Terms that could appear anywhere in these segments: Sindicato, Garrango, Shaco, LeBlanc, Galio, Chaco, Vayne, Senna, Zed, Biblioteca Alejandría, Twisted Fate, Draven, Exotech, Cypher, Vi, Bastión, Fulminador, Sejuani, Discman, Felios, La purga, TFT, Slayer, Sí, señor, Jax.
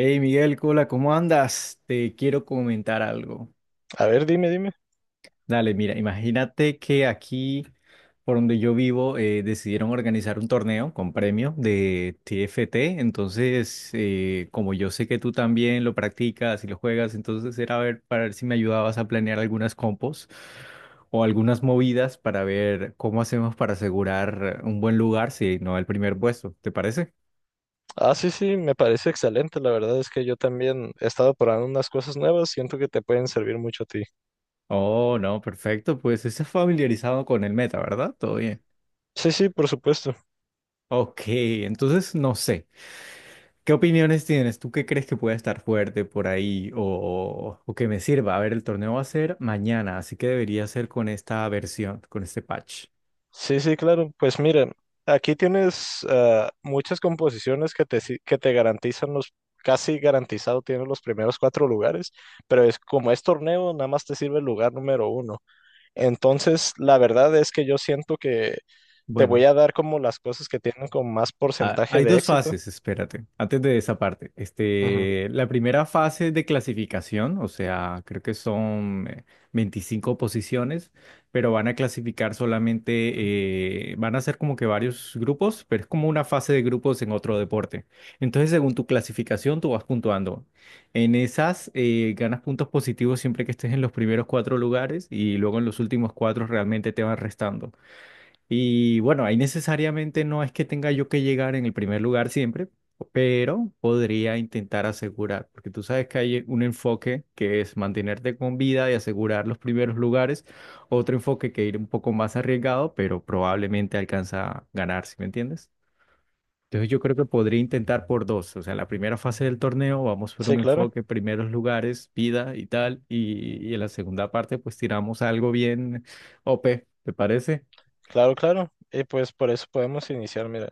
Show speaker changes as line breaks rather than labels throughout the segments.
Hey Miguel, hola, ¿cómo andas? Te quiero comentar algo.
A ver, dime, dime.
Dale, mira, imagínate que aquí, por donde yo vivo, decidieron organizar un torneo con premio de TFT. Entonces, como yo sé que tú también lo practicas y lo juegas, entonces era ver para ver si me ayudabas a planear algunas compos o algunas movidas para ver cómo hacemos para asegurar un buen lugar, si no el primer puesto. ¿Te parece?
Ah, sí, sí, me parece excelente. La verdad es que yo también he estado probando unas cosas nuevas. Siento que te pueden servir mucho a ti.
Oh, no, perfecto. Pues estás familiarizado con el meta, ¿verdad? Todo bien.
Sí, sí, por supuesto.
Ok, entonces no sé. ¿Qué opiniones tienes? ¿Tú qué crees que puede estar fuerte por ahí o que me sirva? A ver, el torneo va a ser mañana, así que debería ser con esta versión, con este patch.
Sí, sí, claro. Pues mira, aquí tienes muchas composiciones que te, si- que te garantizan los, casi garantizado tienes los primeros cuatro lugares, pero es como es torneo, nada más te sirve el lugar número uno. Entonces, la verdad es que yo siento que te voy
Bueno.
a dar como las cosas que tienen con más
Ah,
porcentaje
hay
de
dos
éxito.
fases, espérate, antes de esa parte.
Ujú.
Este, la primera fase de clasificación, o sea, creo que son 25 posiciones, pero van a clasificar solamente, van a ser como que varios grupos, pero es como una fase de grupos en otro deporte. Entonces, según tu clasificación, tú vas puntuando. En esas, ganas puntos positivos siempre que estés en los primeros cuatro lugares y luego en los últimos cuatro realmente te van restando. Y bueno, ahí necesariamente no es que tenga yo que llegar en el primer lugar siempre, pero podría intentar asegurar, porque tú sabes que hay un enfoque que es mantenerte con vida y asegurar los primeros lugares, otro enfoque que ir un poco más arriesgado, pero probablemente alcanza a ganar, ¿sí me entiendes? Entonces yo creo que podría intentar por dos, o sea, en la primera fase del torneo vamos por
Sí,
un
claro.
enfoque, primeros lugares, vida y tal, y en la segunda parte pues tiramos algo bien OP, ¿te parece?
Claro, claro. Y pues por eso podemos iniciar, mira.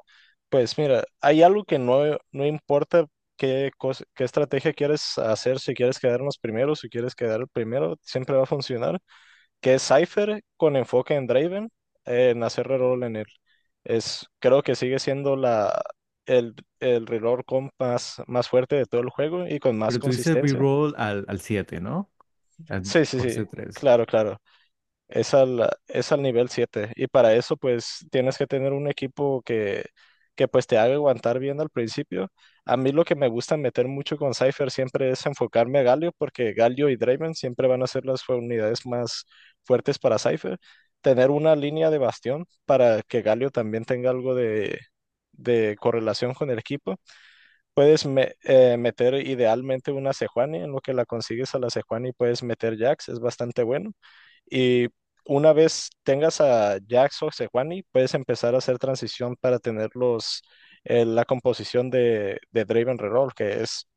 Pues mira, hay algo que no, no importa qué estrategia quieres hacer, si quieres quedar primero, siempre va a funcionar, que es Cypher con enfoque en Draven, en hacer reroll en él. Es, creo que sigue siendo la, el reroll comp más, más fuerte de todo el juego y con más
Pero tú dices
consistencia.
reroll al 7, ¿no? Al
Sí, sí, sí,
coste 3.
claro, claro. Es al nivel 7 y para eso pues tienes que tener un equipo que pues te haga aguantar bien al principio. A mí lo que me gusta meter mucho con Cypher siempre es enfocarme a Galio porque Galio y Draven siempre van a ser las unidades más fuertes para Cypher. Tener una línea de bastión para que Galio también tenga algo de, correlación con el equipo. Puedes meter idealmente una Sejuani; en lo que la consigues a la Sejuani puedes meter Jax, es bastante bueno. Y una vez tengas a Jax o Sejuani, puedes empezar a hacer transición para tener la composición de Draven Reroll, que es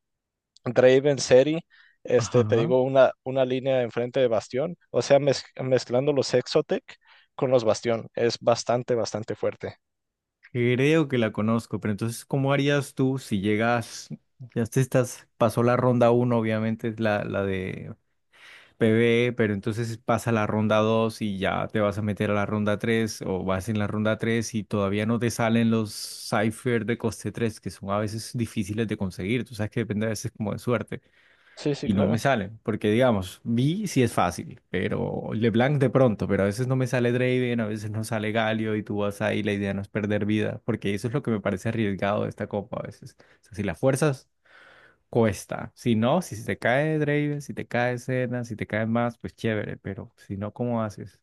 Draven Seri, este, te
Ajá.
digo, una línea enfrente de Bastión, o sea, mezclando los Exotech con los Bastión, es bastante, bastante fuerte.
Creo que la conozco, pero entonces, ¿cómo harías tú si llegas, ya te estás, pasó la ronda uno, obviamente, es la de PvE, pero entonces pasa la ronda 2 y ya te vas a meter a la ronda 3 o vas en la ronda 3 y todavía no te salen los cipher de coste 3 que son a veces difíciles de conseguir, tú sabes que depende a veces como de suerte.
Sí, sí,
Y no me
claro.
sale, porque digamos, Vi sí es fácil, pero LeBlanc de pronto, pero a veces no me sale Draven, a veces no sale Galio y tú vas ahí, la idea no es perder vida, porque eso es lo que me parece arriesgado de esta copa a veces. O sea, si las fuerzas cuesta, si no, si se te cae Draven, si te cae Senna, si te cae más, pues chévere, pero si no, ¿cómo haces?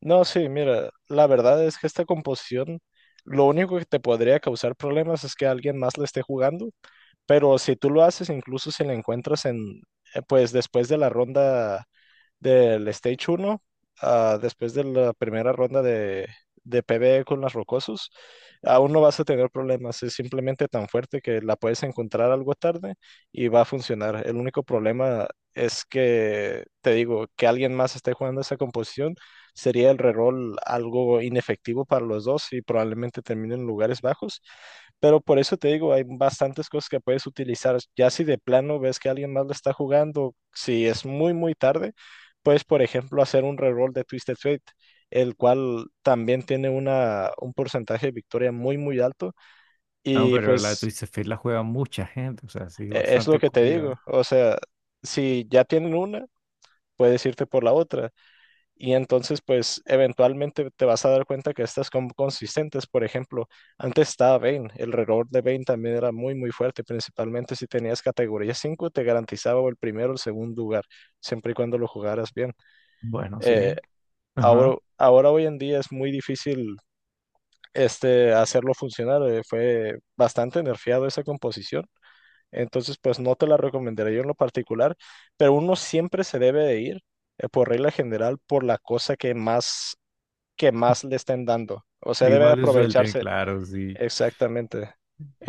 No, sí, mira, la verdad es que esta composición, lo único que te podría causar problemas es que alguien más la esté jugando, pero si tú lo haces, incluso si la encuentras en, pues después de la ronda del Stage uno, después de la primera ronda de PvE con las rocosos, aún no vas a tener problemas. Es simplemente tan fuerte que la puedes encontrar algo tarde y va a funcionar. El único problema es que, te digo, que alguien más esté jugando esa composición sería el reroll algo inefectivo para los dos y probablemente terminen en lugares bajos. Pero por eso te digo, hay bastantes cosas que puedes utilizar. Ya si de plano ves que alguien más lo está jugando, si es muy, muy tarde, puedes, por ejemplo, hacer un reroll de Twisted Fate, el cual también tiene un porcentaje de victoria muy, muy alto.
No,
Y
pero la de
pues
Twisted Fate la juega mucha gente, o sea, sí,
es lo
bastante
que te digo.
cogida.
O sea, si ya tienen una, puedes irte por la otra. Y entonces, pues, eventualmente te vas a dar cuenta que estas son consistentes. Por ejemplo, antes estaba Vayne. El reroll de Vayne también era muy, muy fuerte. Principalmente si tenías categoría 5 te garantizaba o el primero o el segundo lugar, siempre y cuando lo jugaras bien.
Bueno,
Eh,
sí.
ahora,
Ajá.
ahora hoy en día es muy difícil, este, hacerlo funcionar. Fue bastante nerfeado esa composición. Entonces, pues no te la recomendaría yo en lo particular, pero uno siempre se debe de ir, por regla general, por la cosa que más, le estén dando. O sea,
Digo,
debe
mal de suerte,
aprovecharse.
claro, sí.
Exactamente.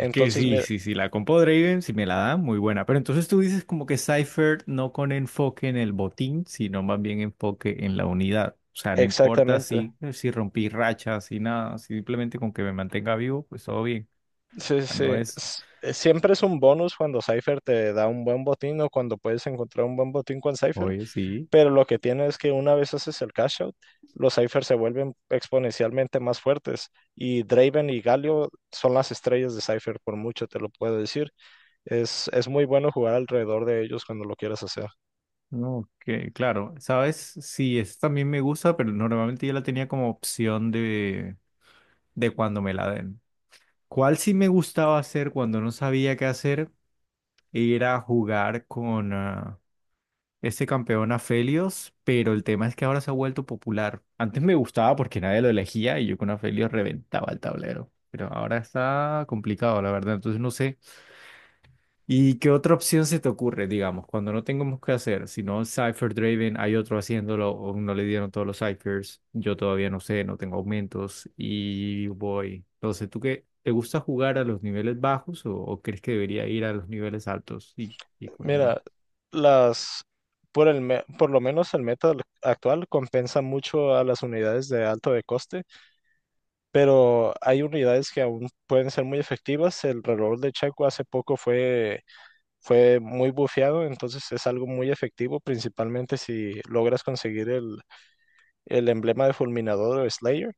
Es que sí,
mira,
sí, sí, la compo Draven, si me la dan, muy buena. Pero entonces tú dices como que Cypher no con enfoque en el botín, sino más bien enfoque en la unidad. O sea, no importa
exactamente.
si, si rompí rachas, si nada, simplemente con que me mantenga vivo, pues todo bien.
Sí,
O
sí.
sea, no
Sí.
es,
Siempre es un bonus cuando Cypher te da un buen botín o cuando puedes encontrar un buen botín con Cypher,
oye, sí.
pero lo que tiene es que una vez haces el cash out, los ciphers se vuelven exponencialmente más fuertes y Draven y Galio son las estrellas de Cypher, por mucho te lo puedo decir. Es muy bueno jugar alrededor de ellos cuando lo quieras hacer.
No, que claro, sabes, sí, eso también me gusta, pero normalmente yo la tenía como opción de cuando me la den. ¿Cuál sí me gustaba hacer cuando no sabía qué hacer? Era jugar con... este campeón a Felios, pero el tema es que ahora se ha vuelto popular. Antes me gustaba porque nadie lo elegía y yo con Felios reventaba el tablero. Pero ahora está complicado, la verdad. Entonces no sé. ¿Y qué otra opción se te ocurre, digamos, cuando no tengamos que hacer? Si no, Cypher Draven, hay otro haciéndolo, o no le dieron todos los Cyphers. Yo todavía no sé, no tengo aumentos y voy. Entonces, ¿tú qué? ¿Te gusta jugar a los niveles bajos o crees que debería ir a los niveles altos y economía?
Mira, las, por lo menos el meta actual compensa mucho a las unidades de alto de coste, pero hay unidades que aún pueden ser muy efectivas. El reloj de Checo hace poco fue muy bufeado, entonces es algo muy efectivo, principalmente si logras conseguir el, emblema de Fulminador o Slayer.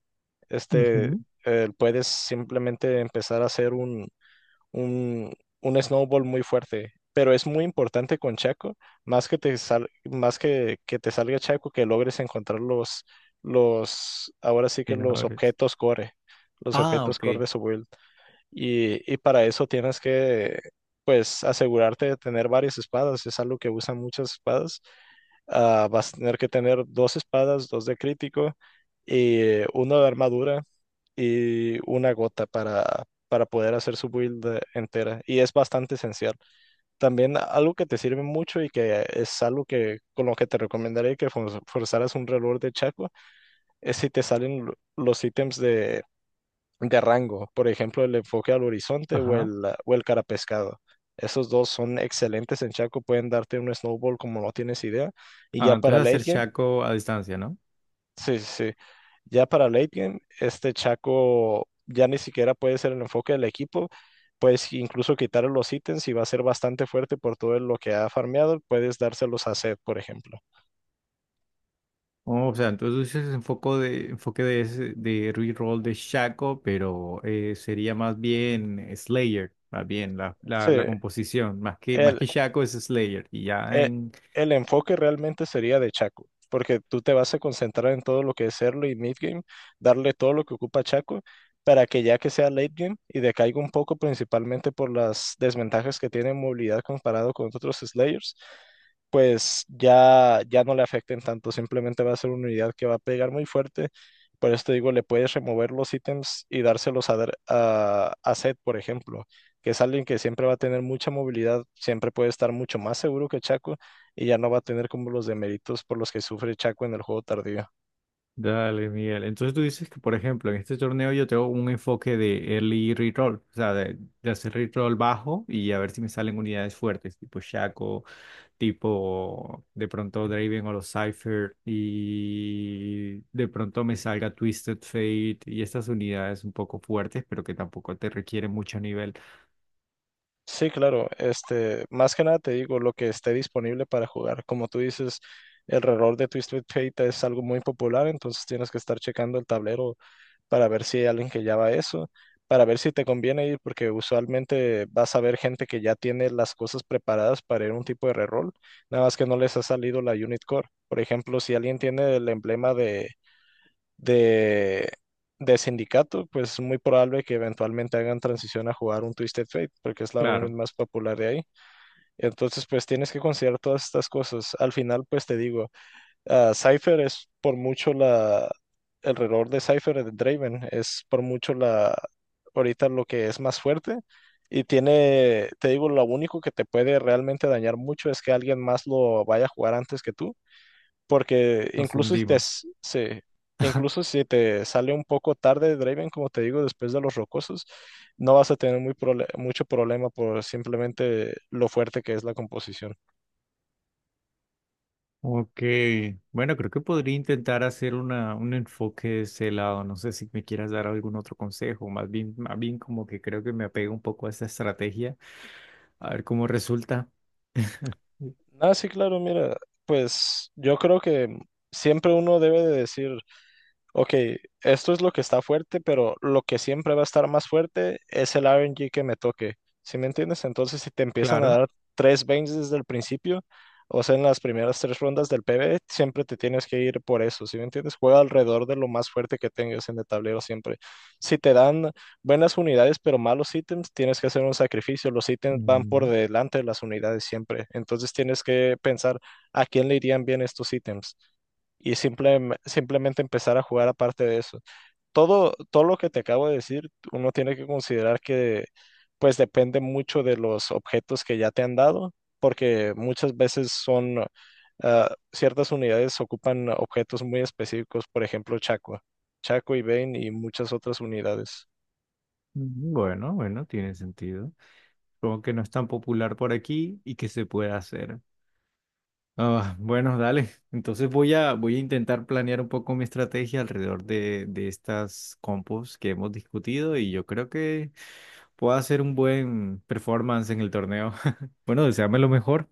Este,
Ujú.
puedes simplemente empezar a hacer un, un snowball muy fuerte. Pero es muy importante con Chaco, más que te salga Chaco, que logres encontrar ahora sí que los
Ah,
objetos
ok.
core de su build. Y para eso tienes que, pues, asegurarte de tener varias espadas. Es algo que usan muchas espadas. Vas a tener que tener dos espadas, dos de crítico y uno de armadura y una gota para poder hacer su build entera. Y es bastante esencial. También algo que te sirve mucho y que es algo que con lo que te recomendaría que forzaras un reloj de Chaco es si te salen los ítems de Garrango, por ejemplo, el enfoque al horizonte o
Ajá.
o el carapescado. Esos dos son excelentes en Chaco, pueden darte un snowball como no tienes idea. Y
Ah,
ya para
entonces
late
hacer
game,
Shaco a distancia, ¿no?
sí, sí, sí, ya para late game, este Chaco ya ni siquiera puede ser el enfoque del equipo. Puedes incluso quitarle los ítems y va a ser bastante fuerte por todo lo que ha farmeado. Puedes dárselos a Zed, por ejemplo.
Oh, o sea, entonces es enfoque de, ese- de reroll de Shaco, pero sería más bien Slayer, más bien la, la,
Sí,
la composición. Más
el,
que Shaco es Slayer. Y ya
eh,
en...
el enfoque realmente sería de Chaco, porque tú te vas a concentrar en todo lo que es early y mid game, darle todo lo que ocupa Chaco, para que ya que sea late game y decaiga un poco, principalmente por las desventajas que tiene en movilidad comparado con otros Slayers, pues ya, ya no le afecten tanto, simplemente va a ser una unidad que va a pegar muy fuerte. Por esto digo, le puedes remover los ítems y dárselos a Zed, por ejemplo, que es alguien que siempre va a tener mucha movilidad, siempre puede estar mucho más seguro que Chaco y ya no va a tener como los deméritos por los que sufre Chaco en el juego tardío.
Dale, Miguel. Entonces tú dices que, por ejemplo, en este torneo yo tengo un enfoque de early reroll, o sea, de hacer reroll bajo y a ver si me salen unidades fuertes, tipo Shaco tipo de pronto Draven o los Cypher y de pronto me salga Twisted Fate y estas unidades un poco fuertes, pero que tampoco te requieren mucho nivel.
Sí, claro, este, más que nada te digo, lo que esté disponible para jugar. Como tú dices, el reloj de Twisted Fate es algo muy popular, entonces tienes que estar checando el tablero para ver si hay alguien que ya va a eso, para ver si te conviene ir, porque usualmente vas a ver gente que ya tiene las cosas preparadas para ir a un tipo de reroll, nada más que no les ha salido la unit core. Por ejemplo, si alguien tiene el emblema de, de, de sindicato, pues es muy probable que eventualmente hagan transición a jugar un Twisted Fate, porque es la unit
Claro,
más popular de ahí. Entonces, pues tienes que considerar todas estas cosas. Al final, pues te digo. Cypher es por mucho la... El reloj de Cypher de Draven es por mucho la... Ahorita lo que es más fuerte. Y tiene, te digo, lo único que te puede realmente dañar mucho es que alguien más lo vaya a jugar antes que tú. Porque
nos hundimos.
incluso si te sale un poco tarde Draven, como te digo, después de los rocosos, no vas a tener mucho problema por simplemente lo fuerte que es la composición.
Ok, bueno, creo que podría intentar hacer una, un enfoque de ese lado. No sé si me quieras dar algún otro consejo, más bien como que creo que me apego un poco a esta estrategia, a ver cómo resulta.
Ah, sí, claro, mira, pues yo creo que siempre uno debe de decir: Ok, esto es lo que está fuerte, pero lo que siempre va a estar más fuerte es el RNG que me toque. ¿Sí me entiendes? Entonces, si te empiezan a
Claro.
dar tres veins desde el principio, o sea, en las primeras tres rondas del PvE, siempre te tienes que ir por eso. ¿Sí me entiendes? Juega alrededor de lo más fuerte que tengas en el tablero siempre. Si te dan buenas unidades, pero malos ítems, tienes que hacer un sacrificio. Los ítems van por
Mm,
delante de las unidades siempre. Entonces, tienes que pensar a quién le irían bien estos ítems y simplemente empezar a jugar aparte de eso. Todo, todo lo que te acabo de decir, uno tiene que considerar que pues depende mucho de los objetos que ya te han dado, porque muchas veces son ciertas unidades ocupan objetos muy específicos, por ejemplo, Chaco, Chaco y Bane y muchas otras unidades.
bueno, bueno, tiene sentido. Como que no es tan popular por aquí y que se puede hacer. Ah, bueno, dale. Entonces voy a, voy a intentar planear un poco mi estrategia alrededor de estas compos que hemos discutido y yo creo que puedo hacer un buen performance en el torneo. Bueno, deséame lo mejor.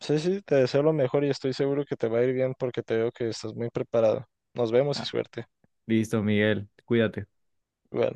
Sí, sí, te deseo lo mejor y estoy seguro que te va a ir bien porque te veo que estás muy preparado. Nos vemos y
Ah,
suerte.
listo, Miguel. Cuídate.
Igual.